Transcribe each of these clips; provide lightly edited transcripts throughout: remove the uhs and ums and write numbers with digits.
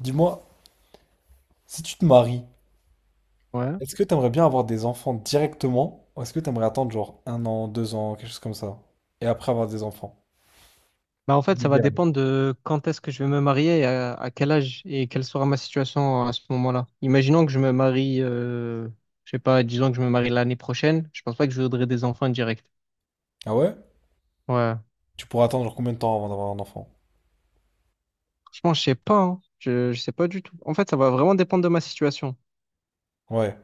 Dis-moi, si tu te maries, Ouais. est-ce que t'aimerais bien avoir des enfants directement ou est-ce que t'aimerais attendre genre 1 an, 2 ans, quelque chose comme ça, et après avoir des enfants? Bah, en fait, ça va dépendre de quand est-ce que je vais me marier, et à quel âge et quelle sera ma situation à ce moment-là. Imaginons que je me marie, je sais pas, disons que je me marie l'année prochaine, je pense pas que je voudrais des enfants direct. Ah ouais? Ouais. Tu pourrais attendre genre combien de temps avant d'avoir un enfant? Franchement, je sais pas, hein. Je sais pas du tout. En fait, ça va vraiment dépendre de ma situation. Ouais.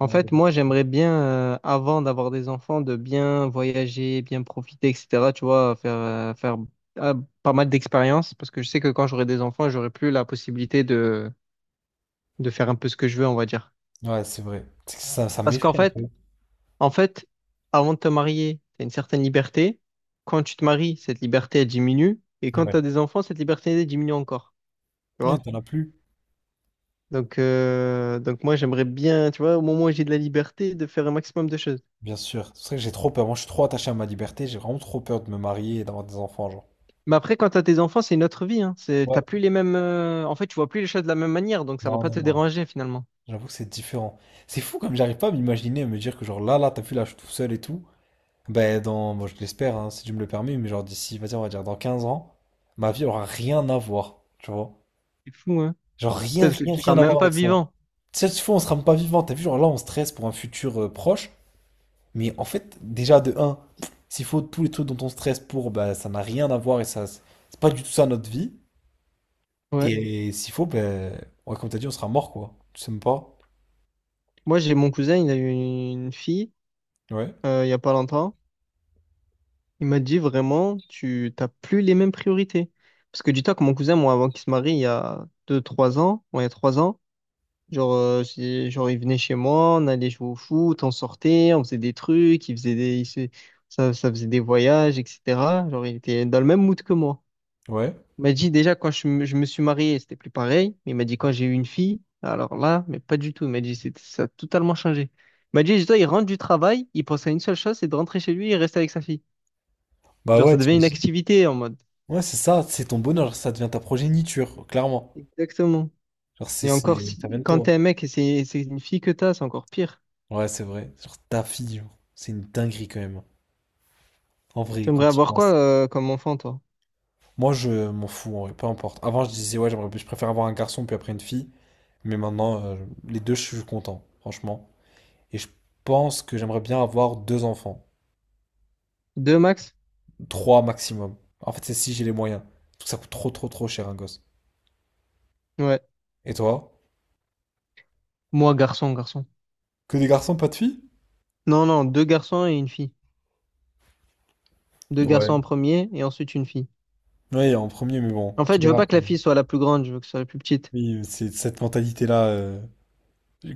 En Ouais, fait, moi, j'aimerais bien, avant d'avoir des enfants, de bien voyager, bien profiter, etc. Tu vois, faire euh, pas mal d'expériences, parce que je sais que quand j'aurai des enfants, j'aurai plus la possibilité de faire un peu ce que je veux, on va dire. ouais, c'est vrai. C'est que ça Parce qu'en m'effraie un fait, peu. en fait, avant de te marier, tu as une certaine liberté. Quand tu te maries, cette liberté, elle diminue. Et quand Ouais. tu as des enfants, cette liberté, elle diminue encore. Tu Ouais, vois? t'en as plus. Donc, moi, j'aimerais bien, tu vois, au moment où j'ai de la liberté, de faire un maximum de choses. Bien sûr. C'est vrai que j'ai trop peur. Moi, je suis trop attaché à ma liberté. J'ai vraiment trop peur de me marier et d'avoir des enfants, genre. Mais après, quand tu as tes enfants, c'est une autre vie. Hein. C'est, Ouais. t'as plus les mêmes. En fait, tu vois plus les choses de la même manière. Donc, ça va Non, pas non, te non. déranger finalement. J'avoue que c'est différent. C'est fou comme j'arrive pas à m'imaginer, à me dire que genre là, là, t'as vu, là, je suis tout seul et tout. Ben dans, moi je l'espère, hein, si tu me le permets, mais genre d'ici, vas-y, on va dire dans 15 ans, ma vie aura rien à voir, tu vois. C'est fou, hein? Genre rien, Peut-être que rien, tu seras rien à même voir pas avec ça. vivant. Si tu fais, on sera même pas vivant, t'as vu, genre là, on stresse pour un futur proche, mais en fait, déjà de un s'il faut tous les trucs dont on stresse pour, ben ça n'a rien à voir et ça, c'est pas du tout ça notre vie. Ouais. Et s'il faut, ben, ouais, comme t'as dit, on sera mort, quoi. Tu sais même pas? Moi, j'ai mon cousin, il a eu une fille Ouais, il y a pas longtemps. Il m'a dit vraiment, tu t'as plus les mêmes priorités. Parce que dis-toi que mon cousin, moi, avant qu'il se marie, il y a 3 ans, genre, il venait chez moi, on allait jouer au foot, on sortait, on faisait des trucs, il faisait des, il se- ça faisait des voyages, etc. Genre, il était dans le même mood que moi. ouais. Il m'a dit déjà, quand je me suis marié, c'était plus pareil. Mais il m'a dit, quand j'ai eu une fille, alors là, mais pas du tout. Il m'a dit, ça a totalement changé. Il m'a dit, dis-toi, il rentre du travail, il pense à une seule chose, c'est de rentrer chez lui et rester avec sa fille. Bah Genre, ça ouais, devient une t'imagines. activité en mode. Ouais, c'est ça, c'est ton bonheur, ça devient ta progéniture, clairement. Exactement. Genre, c'est, Et encore, c'est, ça vient si... de quand toi. t'es un mec et c'est une fille que t'as, c'est encore pire. Ouais, c'est vrai. Genre ta fille, genre, c'est une dinguerie quand même, hein. En vrai, quand T'aimerais tu y avoir quoi penses. Comme enfant, toi? Moi, je m'en fous, en vrai, peu importe. Avant, je disais, ouais, je préfère avoir un garçon puis après une fille. Mais maintenant, les deux, je suis content, franchement. Et je pense que j'aimerais bien avoir deux enfants. Deux max? Trois maximum. En fait, c'est si j'ai les moyens. Parce que ça coûte trop, trop, trop cher un gosse. Ouais. Et toi? Moi, garçon, garçon. Que des garçons, pas de filles? Non, non, deux garçons et une fille. Deux Ouais. garçons en premier et ensuite une fille. Ouais, en premier, mais bon. En fait, je veux pas que la fille soit la plus grande, je veux que ce soit la plus petite. Oui, c'est cette mentalité-là,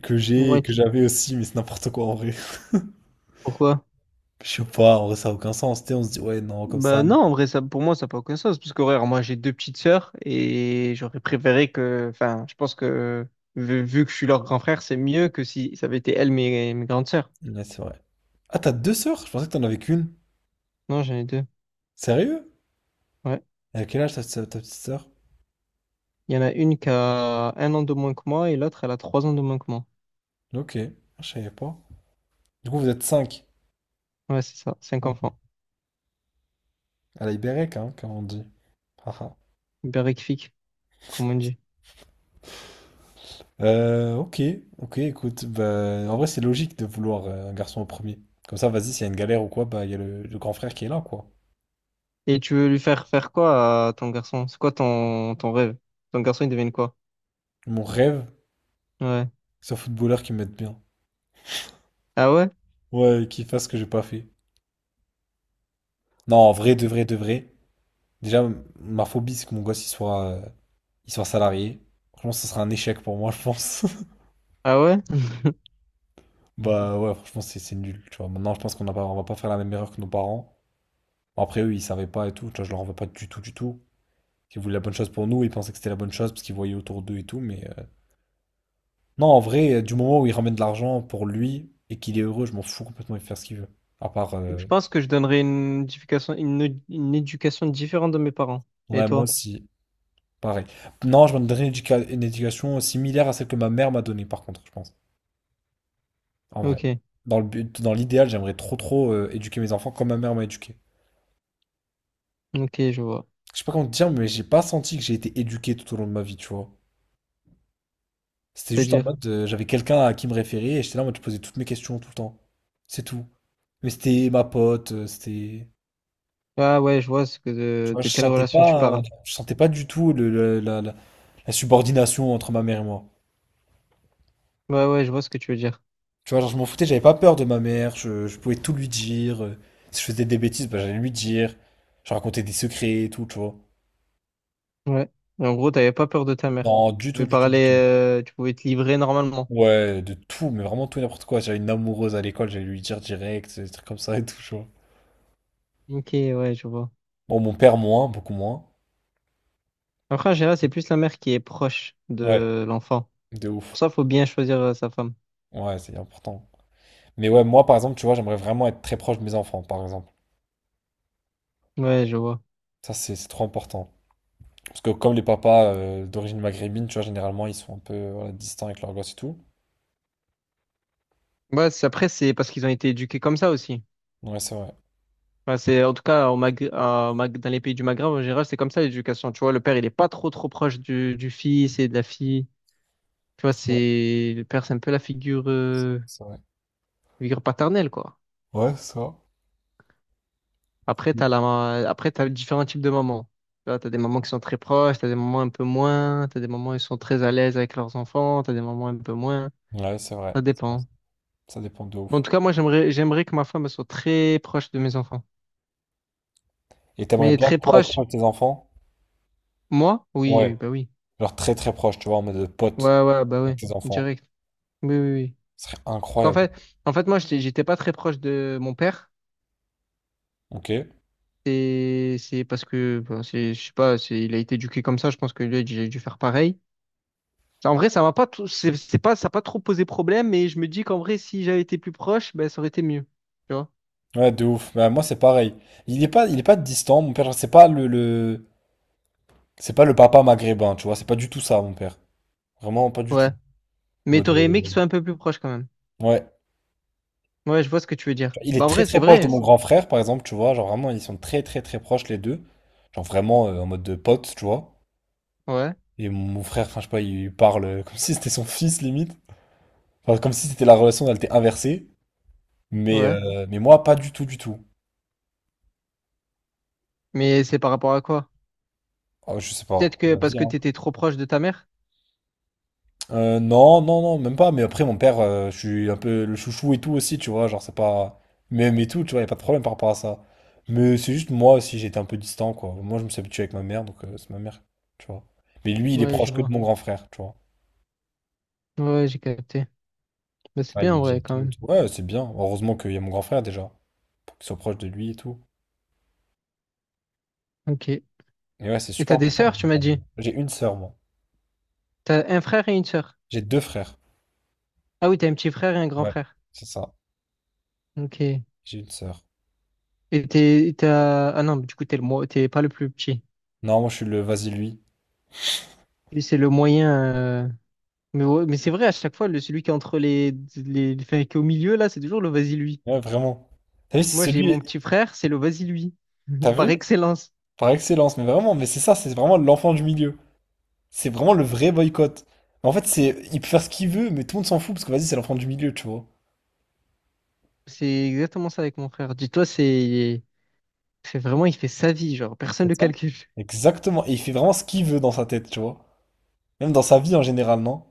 que j'ai et Ouais, que j'avais aussi, mais c'est n'importe quoi en vrai. pourquoi? Je sais pas, en vrai, ça a aucun sens. Tu sais, on se dit, ouais, non, comme ça. Bah non, en vrai, ça, pour moi, ça n'a pas aucun sens. Parce que, ouais, moi, j'ai deux petites sœurs et j'aurais préféré que. Enfin, je pense que vu que je suis leur grand frère, c'est mieux que si ça avait été elles, mes grandes sœurs. Ouais, c'est vrai. Ah, t'as deux sœurs? Je pensais que t'en avais qu'une. Non, j'en ai deux. Sérieux? Ouais. Et à quel âge ta petite sœur? Il y en a une qui a un an de moins que moi et l'autre, elle a 3 ans de moins que moi. Ok, ah, je savais pas. Du coup, vous êtes cinq. Ouais, c'est ça. Cinq Ok. enfants. À la Ibérec, hein, comme on dit. Haha. Berrifique, comme on dit. Ok, ok, écoute. Bah, en vrai, c'est logique de vouloir un garçon au premier. Comme ça, vas-y, s'il y a une galère ou quoi, bah, il y a le grand frère qui est là, quoi. Et tu veux lui faire faire quoi à ton garçon? C'est quoi ton rêve? Ton garçon, il devient quoi? Mon rêve, Ouais. c'est un footballeur qui me mette bien. Ah ouais? Ouais, qui fasse ce que j'ai pas fait. Non, en vrai, de vrai, de vrai. Déjà, ma phobie, c'est que mon gosse, il soit. Ils soient salariés. Franchement, ce sera un échec pour moi, je pense. Ah ouais? Bah ouais, franchement, c'est nul, tu vois. Maintenant, je pense qu'on n'a pas, on va pas faire la même erreur que nos parents. Bon, après, eux, ils savaient pas et tout. Tu vois, je leur en veux pas du tout, du tout. Ils voulaient la bonne chose pour nous, ils pensaient que c'était la bonne chose parce qu'ils voyaient autour d'eux et tout. Mais non, en vrai, du moment où il ramène de l'argent pour lui et qu'il est heureux, je m'en fous complètement, il fait faire ce qu'il veut. À part. Je pense que je donnerais une éducation différente de mes parents. Et Ouais, moi toi? aussi, pareil. Non, je me donnerais une, une éducation similaire à celle que ma mère m'a donnée, par contre, je pense. En vrai. Ok. Dans le but, dans l'idéal, j'aimerais trop, trop éduquer mes enfants comme ma mère m'a éduqué. Ok, je vois. Je sais pas comment te dire, mais j'ai pas senti que j'ai été éduqué tout au long de ma vie, tu vois. C'était juste en C'est-à-dire. mode, j'avais quelqu'un à qui me référer et j'étais là en mode, je posais toutes mes questions tout le temps. C'est tout. Mais c'était ma pote, c'était. Ah ouais, je vois ce que Tu de, vois, de quelle relation tu parles. je sentais pas du tout la subordination entre ma mère et moi. Ouais, ouais, je vois ce que tu veux dire. Tu vois, genre, je m'en foutais, j'avais pas peur de ma mère, je pouvais tout lui dire. Si je faisais des bêtises, bah, j'allais lui dire. Je racontais des secrets et tout, tu vois. Ouais. Et en gros, t'avais pas peur de ta mère. Non, du Tu tout, pouvais du tout, du parler, tout. Tu pouvais te livrer normalement. Ouais, de tout, mais vraiment tout et n'importe quoi. J'avais une amoureuse à l'école, j'allais lui dire direct, des trucs comme ça et tout, tu vois. Ok, ouais, je vois. Bon, mon père moins, beaucoup moins. Après, en général, c'est plus la mère qui est proche Ouais, de l'enfant. de Pour ouf. ça, faut bien choisir sa femme. Ouais, c'est important. Mais ouais, moi par exemple, tu vois, j'aimerais vraiment être très proche de mes enfants, par exemple. Ouais, je vois. Ça, c'est trop important. Parce que comme les papas d'origine maghrébine, tu vois, généralement, ils sont un peu voilà, distants avec leurs gosses et tout. Ouais, après, c'est parce qu'ils ont été éduqués comme ça aussi. Ouais, c'est vrai. Enfin, en tout cas, au Mag- à- au Mag- dans les pays du Maghreb, en général, c'est comme ça l'éducation. Tu vois, le père, il est pas trop, trop proche du fils et de la fille. Tu vois, Ouais, le père, c'est un peu la figure, euh, c'est vrai. figure paternelle, quoi. Ouais, ça. Après, t'as différents types de mamans. Tu vois, t'as des mamans qui sont très proches, t'as des mamans un peu moins, t'as des mamans qui sont très à l'aise avec leurs enfants, t'as des mamans un peu moins. Ouais, c'est vrai. Ça C'est vrai. dépend. Ça dépend de Bon, en ouf. tout cas, moi, j'aimerais que ma femme elle soit très proche de mes enfants. Et t'aimerais Mais bien, très toi, être proche, proche de tes enfants? moi? Oui, oui, Ouais. bah oui. Genre très très proche, tu vois, en mode de pote Ouais, ouais, bah oui. avec tes enfants. Direct. Oui, oui, oui. Ce serait Parce qu'en incroyable. fait, en fait, moi, j'étais pas très proche de mon père. Ok. C'est parce que, bon, je sais pas, il a été éduqué comme ça. Je pense que lui, j'ai dû faire pareil. En vrai, ça m'a pas tout- c'est pas, ça a pas trop posé problème, mais je me dis qu'en vrai, si j'avais été plus proche, ben, ça aurait été mieux. Tu vois? Ouais, de ouf. Bah, moi, c'est pareil. Il est pas distant, mon père. Genre, C'est pas le papa maghrébin, tu vois. C'est pas du tout ça, mon père. Vraiment pas du tout. Ouais. En Mais mode, t'aurais aimé qu'il soit un peu plus proche quand même. ouais. Ouais, je vois ce que tu veux dire. Genre, il Bah, est en très vrai, c'est très proche de vrai. mon grand frère, par exemple, tu vois. Genre vraiment, ils sont très très très proches les deux. Genre vraiment en mode de pote, tu vois. Ouais, Et mon frère, enfin, je sais pas, il parle comme si c'était son fils limite. Enfin, comme si c'était la relation, elle était inversée. Mais, ouais. euh, mais moi, pas du tout, du tout. Mais c'est par rapport à quoi? Oh, je sais pas. Peut-être C'est que comme parce ça, que hein. t'étais trop proche de ta mère? Non, non, non, même pas. Mais après, mon père, je suis un peu le chouchou et tout aussi, tu vois. Genre, c'est pas. Même et tout, tu vois, y a pas de problème par rapport à ça. Mais c'est juste moi aussi, j'étais un peu distant, quoi. Moi, je me suis habitué avec ma mère, donc c'est ma mère, tu vois. Mais lui, il est Ouais, je proche que de vois. mon grand frère, tu vois. Ouais, j'ai capté. Bah, c'est Ah, il bien lui en dire vrai quand tout et même. tout. Ouais, c'est bien. Heureusement qu'il y a mon grand frère déjà, pour qu'il soit proche de lui et tout. Ok. Et Et ouais, c'est super t'as des important. sœurs, tu m'as dit? J'ai une sœur, moi. T'as un frère et une sœur. J'ai deux frères. Ah oui, t'as un petit frère et un grand Ouais, frère. c'est ça. Ok. J'ai une sœur. Ah non, mais du coup, t'es le, t'es pas le plus petit. Non, moi, je suis le vas-y, lui. Lui, c'est le moyen. Mais, ouais, mais c'est vrai, à chaque fois, celui qui est entre enfin, qui est au milieu, là, c'est toujours le vas-y lui. Ouais, vraiment. T'as vu, Moi, c'est j'ai celui. mon petit frère, c'est le vas-y lui, T'as par vu? excellence. Par excellence, mais vraiment, mais c'est ça, c'est vraiment l'enfant du milieu. C'est vraiment le vrai boycott. Mais en fait, c'est, il peut faire ce qu'il veut, mais tout le monde s'en fout parce que vas-y, c'est l'enfant du milieu, tu vois. C'est exactement ça avec mon frère. Dis-toi, c'est vraiment, il fait sa vie, genre, personne C'est ne le ça? calcule. Exactement. Et il fait vraiment ce qu'il veut dans sa tête, tu vois. Même dans sa vie en général, non?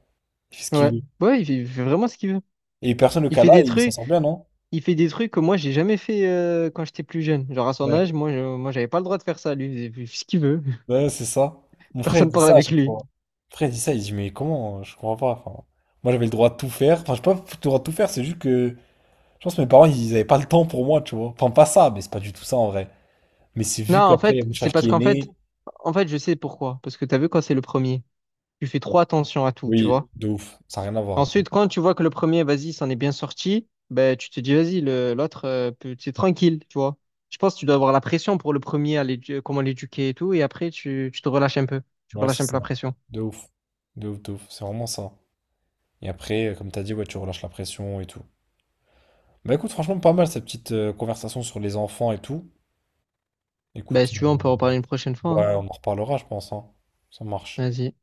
Il fait ce qu'il Ouais, veut. ouais, il fait vraiment ce qu'il veut. Et personne le Il cas fait là, des et il s'en trucs, sort bien, non? il fait des trucs que moi, j'ai jamais fait quand j'étais plus jeune. Genre, à son Ouais. âge, moi, j'avais pas le droit de faire ça. Lui, il faisait ce qu'il veut. Ouais, c'est ça. Mon frère, il Personne dit parle ça à avec chaque lui. fois. Mon frère, il dit ça, il dit, mais comment? Je comprends pas. Enfin, moi, j'avais le droit de tout faire. Enfin, je sais pas le droit de tout faire, c'est juste que, je pense que mes parents, ils avaient pas le temps pour moi, tu vois. Enfin, pas ça, mais c'est pas du tout ça en vrai. Mais c'est Non, vu en qu'après, il y a fait, c'est Bouchard parce qui est qu'en né. fait, en fait, je sais pourquoi. Parce que t'as vu, quand c'est le premier, tu fais trop attention à tout, tu Oui, vois. de ouf. Ça n'a rien à voir après. Ensuite, quand tu vois que le premier, vas-y, s'en est bien sorti, ben, tu te dis, vas-y, l'autre, c'est tranquille, tu vois. Je pense que tu dois avoir la pression pour le premier, comment l'éduquer et tout, et après, tu te relâches un peu. Tu Ouais, c'est relâches un peu ça. la pression. De ouf. De ouf, de ouf. C'est vraiment ça. Et après, comme t'as dit, ouais, tu relâches la pression et tout. Bah écoute, franchement, pas mal cette petite conversation sur les enfants et tout. Ben, Écoute, si tu veux, on peut en parler une prochaine fois, hein. ouais, on en reparlera, je pense, hein. Ça marche. Vas-y.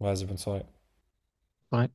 Vas-y, bonne soirée. Ouais.